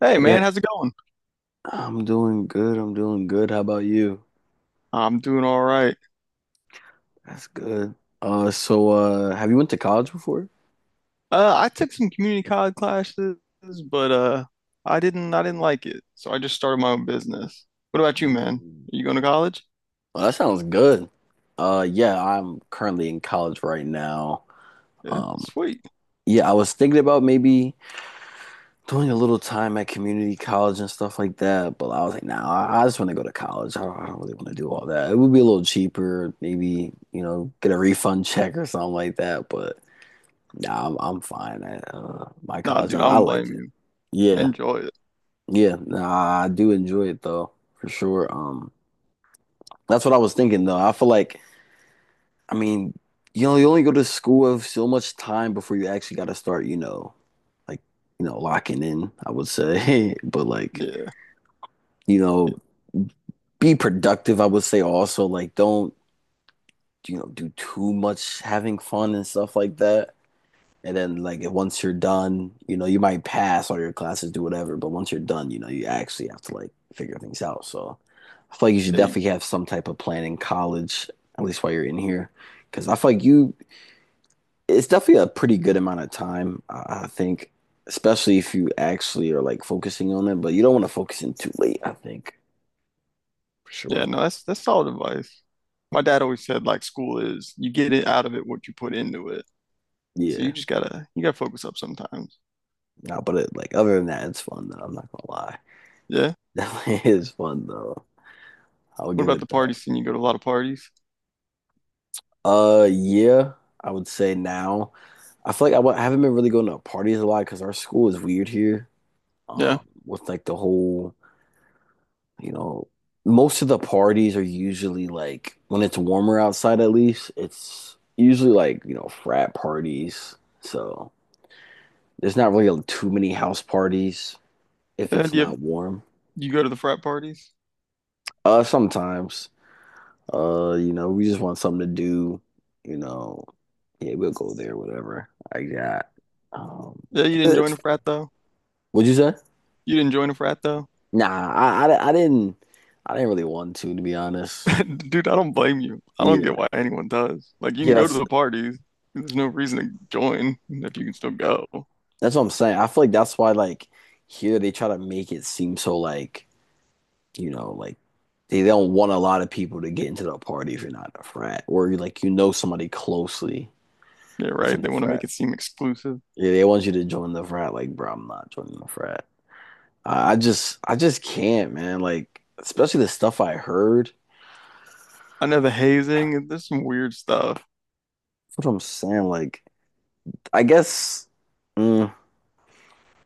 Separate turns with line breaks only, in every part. Hey
Hey,
man, how's it going?
I'm doing good. I'm doing good. How about you?
I'm doing all right.
That's good. Have you went to college before?
I took some community college classes, but I didn't like it, so I just started my own business. What about you, man? Are
Mm.
you going to college?
Well, that sounds good. Yeah, I'm currently in college right now.
Yeah,
Um,
sweet.
yeah, I was thinking about maybe doing a little time at community college and stuff like that, but I was like, nah, I just want to go to college. I don't really want to do all that. It would be a little cheaper, maybe, you know, get a refund check or something like that, but. Nah, I'm fine at my
Nah,
college.
dude, I
I
don't blame
like it.
you.
Yeah,
Enjoy it.
yeah. Nah, I do enjoy it though, for sure. That's what I was thinking though. I feel like, I mean, you only go to school with so much time before you actually got to start, you know, like locking in, I would say, but like
Yeah,
you know,
yeah,
be productive. I would say also like don't do too much having fun and stuff like that. And then like once you're done, you know, you might pass all your classes, do whatever, but once you're done, you know, you actually have to like figure things out. So I feel like you should
yeah, you,
definitely have some type of plan in college, at least while you're in here, because I feel like you it's definitely a pretty good amount of time, I think, especially if you actually are like focusing on it, but you don't want to focus in too late, I think, for
yeah.
sure.
No, that's solid advice. My dad always said like school is you get it out of it what you put into it. So you
Yeah.
just gotta focus up sometimes.
No, but it, like other than that, it's fun though. I'm not gonna lie.
Yeah.
Definitely is fun though. I'll
What
give
about the
it that.
parties? Can you go to a lot of parties?
Yeah, I would say now. I feel like I haven't been really going to parties a lot because our school is weird here.
Yeah.
Um, with like the whole, you know, most of the parties are usually like when it's warmer outside, at least it's usually like, you know, frat parties. So there's not really too many house parties if
Uh,
it's
do you,
not warm.
do you go to the frat parties?
Sometimes. You know, we just want something to do, you know. Yeah, we'll go there, whatever. I got. Um,
Yeah, you didn't join
it's
a
fun.
frat though.
What'd you say?
You didn't join a frat though.
Nah, I, I, I didn't, I didn't really want to be honest.
Dude, I don't blame you. I don't
Yeah,
get why anyone does. Like, you
yeah,
can go to the parties. There's no reason to join if you can still go.
that's what I'm saying. I feel like that's why, like, here they try to make it seem so like, you know, like they don't want a lot of people to get into the party if you're not in a frat or you like you know somebody closely
Yeah,
that's
right.
in
They
the
want to make
frat.
it seem exclusive.
Yeah, they want you to join the frat. Like, bro, I'm not joining the frat. I just can't, man. Like, especially the stuff I heard.
I know the hazing. There's some weird stuff.
That's what I'm saying. Like, I guess mm,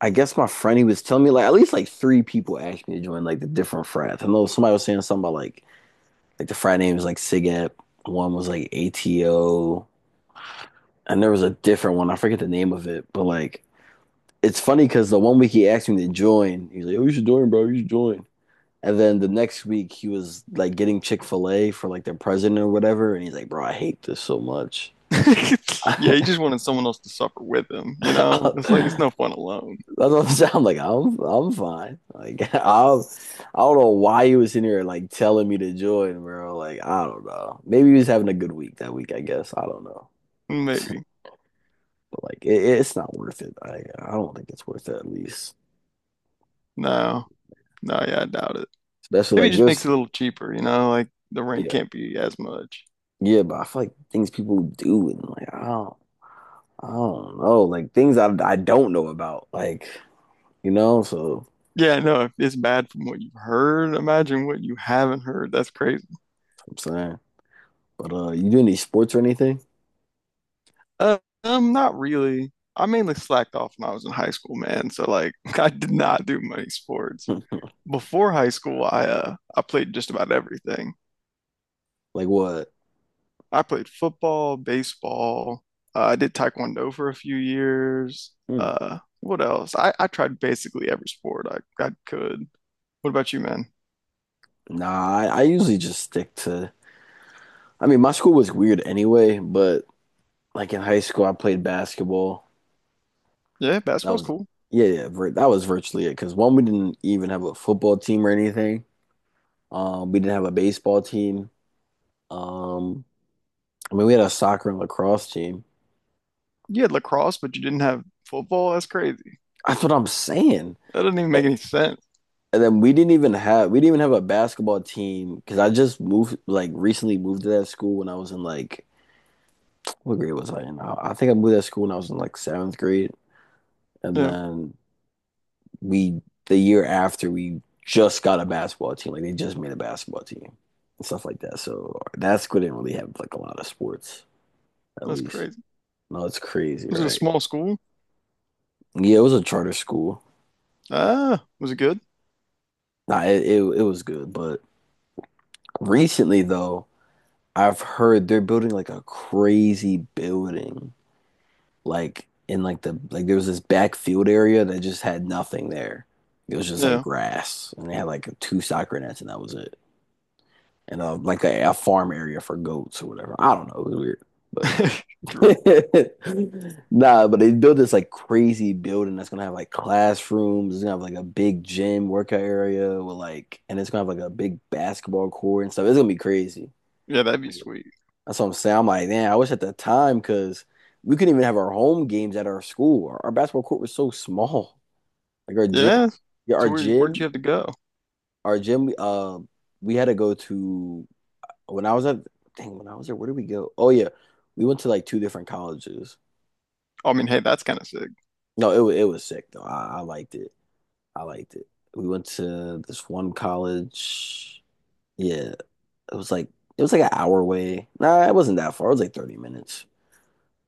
I guess my friend he was telling me like at least like 3 people asked me to join like the different frats. I know somebody was saying something about like the frat name was like SIGEP, one was like ATO, and there was a different one. I forget the name of it, but like it's funny because the one week he asked me to join, he's like, "Oh, you should join, bro. You should join." And then the next week he was like getting Chick Fil A for like their president or whatever, and he's like, "Bro, I hate this so much."
Yeah, he
That's
just wanted someone else to suffer with him. You know, it's like it's no fun alone.
what I'm saying. I'm like, I'm fine. Like I'll I don't know why he was in here like telling me to join, bro. Like I don't know. Maybe he was having a good week that week. I guess I don't know.
Maybe.
But it's not worth it. I don't think it's worth it at least,
No, no, yeah, I doubt it.
especially
Maybe it
like
just makes it
this.
a little cheaper. You know, like the rent
Yeah,
can't be as much.
yeah. But I feel like things people do and like I don't. I don't know, like things I don't know about, like you know. So
Yeah, no, if it's bad from what you've heard, imagine what you haven't heard. That's crazy.
I'm saying, but you do any sports or anything?
Uh, not really. I mainly slacked off when I was in high school, man. So like, I did not do many sports.
Hmm.
Before high school, I played just about everything.
Like what?
I played football, baseball. I did taekwondo for a few years.
Hmm.
What else? I tried basically every sport I could. What about you, man?
Nah, I usually just stick to. I mean, my school was weird anyway, but like in high school, I played basketball.
Yeah,
That
basketball's
was
cool.
yeah, yeah, vir that was virtually it. Because one, we didn't even have a football team or anything. We didn't have a baseball team. Um, I mean, we had a soccer and lacrosse team.
You had lacrosse, but you didn't have football. That's crazy.
That's what I'm saying.
That doesn't even make any sense.
And then we didn't even have a basketball team because I just moved like recently moved to that school when I was in like what grade was I in? I think I moved to that school when I was in like seventh grade, and
Yeah,
then we the year after we just got a basketball team. Like they just made a basketball team and stuff like that. So that school didn't really have like a lot of sports at
that's
least.
crazy.
No, it's crazy,
Was it a
right?
small school?
Yeah, it was a charter school.
Ah, was it good?
Nah, it was good, but recently though. I've heard they're building like a crazy building, like in like the like there was this backfield area that just had nothing there. It was just like
Yeah,
grass, and they had like two soccer nets, and that was it. And like a farm area for goats or whatever. I don't know. It was weird, but
true.
nah. But they built this like crazy building that's gonna have like classrooms. It's gonna have like a big gym workout area with like, and it's gonna have like a big basketball court and stuff. It's gonna be crazy.
Yeah, that'd be sweet.
That's what I'm saying. I'm like, man, I wish at the time because we couldn't even have our home games at our school. Our basketball court was so small. Like our gym,
Yeah.
yeah,
So where'd you have to go?
our gym. We had to go to when I was at dang when I was there. Where did we go? Oh yeah, we went to like two different colleges.
Oh, I mean, hey, that's kind of sick.
No, it was sick though. I liked it. I liked it. We went to this one college. Yeah, it was like it was like an hour away. Nah, it wasn't that far. It was like 30 minutes.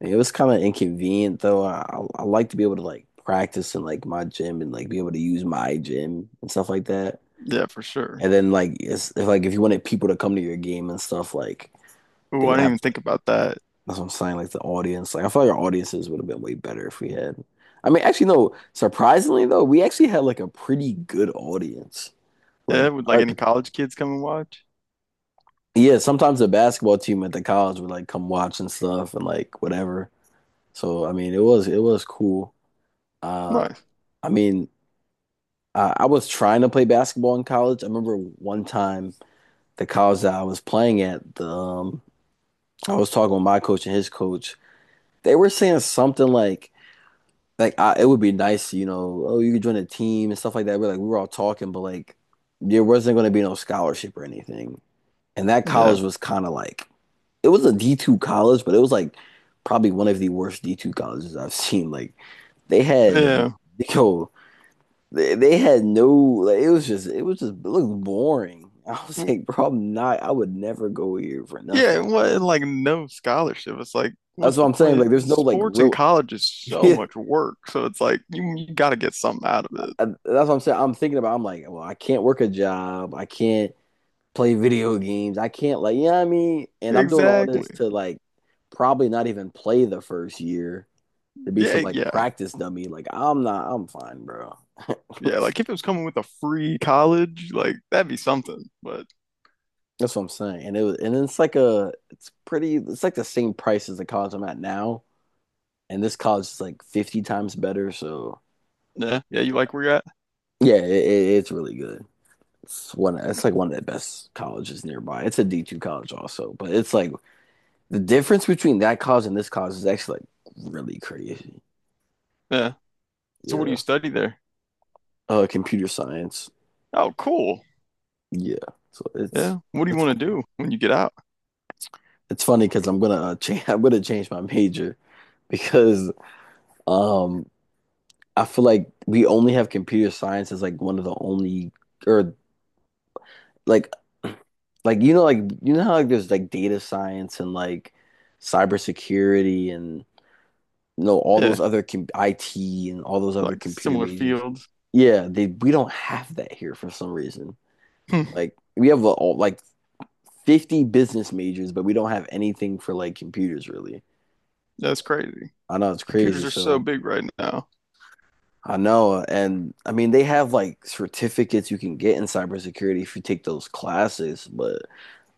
Like, it was kind of inconvenient though. I like to be able to like practice in like my gym and like be able to use my gym and stuff like that.
Yeah, for sure.
And then like it's if like if you wanted people to come to your game and stuff, like they
Ooh, I
would
didn't
have
even
to
think
like
about that.
that's what I'm saying, like the audience. Like I feel like our audiences would have been way better if we had. I mean, actually no, surprisingly though, we actually had like a pretty good audience.
Yeah,
Like
would like
our,
any college kids come and watch?
yeah, sometimes the basketball team at the college would like come watch and stuff and like whatever. So I mean it was cool. Uh
Nice.
I mean I was trying to play basketball in college. I remember one time the college that I was playing at, the I was talking with my coach and his coach. They were saying something like I, it would be nice, you know, oh you could join a team and stuff like that. We're like we were all talking, but like there wasn't going to be no scholarship or anything. And that
Yeah.
college was kind of like it was a D2 college, but it was like probably one of the worst D2 colleges I've seen. Like they had
Yeah.
yo they had no like it was just it was just it looked boring. I was
W-
like, bro, I'm not. I would never go here for
Yeah,
nothing.
what and, like no scholarship. It's like,
That's
what's
what
the
I'm saying.
point?
Like, there's no like
Sports in
real.
college is so
Yeah,
much work. So it's like you gotta get something out of it.
that's what I'm saying. I'm thinking about. I'm like, well, I can't work a job. I can't play video games. I can't like, you know what I mean? And I'm doing all
Exactly.
this to like probably not even play the first year to be
Yeah,
some like
yeah.
practice dummy. Like, I'm not. I'm fine, bro.
Yeah, like if it was coming with a free college, like that'd be something. But
That's what I'm saying. And it's like it's pretty. It's like the same price as the college I'm at now, and this college is like 50 times better. So
yeah, yeah, you
yeah,
like where you're at?
it's really good. It's one. It's like one of the best colleges nearby. It's a D two college also, but it's like the difference between that college and this college is actually like really crazy.
Yeah. So what do you
Yeah,
study there?
computer science.
Oh, cool.
Yeah, so it's
Yeah. What do you
it's
want to
cool.
do when you get out?
It's funny because I'm gonna change. I'm gonna change my major because um I feel like we only have computer science as like one of the only or like like you know how like there's like data science and like cybersecurity and you know all
Yeah,
those other com IT and all those other
like
computer
similar
majors.
fields.
Yeah, they we don't have that here for some reason.
Hmm,
Like we have all, like 50 business majors, but we don't have anything for like computers really.
that's crazy.
I know it's
Computers
crazy,
are so
so
big right now.
I know and I mean they have like certificates you can get in cybersecurity if you take those classes, but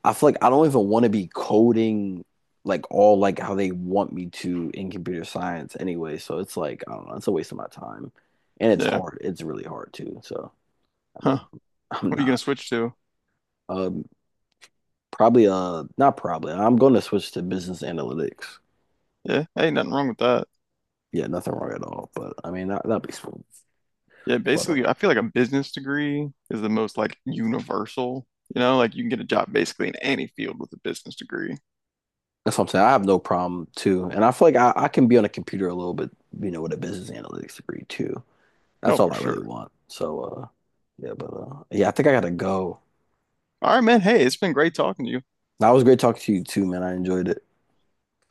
I feel like I don't even want to be coding like all like how they want me to in computer science anyway. So it's like I don't know, it's a waste of my time. And it's
Yeah.
hard. It's really hard too. So I
Huh.
mean, I'm
What are you gonna
not
switch to?
um probably not probably. I'm going to switch to business analytics.
Yeah. Hey, nothing wrong with that.
Yeah, nothing wrong at all. But I mean, that'd be smooth.
Yeah,
But
basically, I feel like a business degree is the most like universal. You know, like you can get a job basically in any field with a business degree.
that's what I'm saying. I have no problem too. And I feel like I can be on a computer a little bit, you know, with a business analytics degree too.
No,
That's all
for
I really
sure.
want. So yeah, but yeah, I think I gotta go.
All right, man. Hey, it's been great talking to you.
That was great talking to you too, man. I enjoyed it.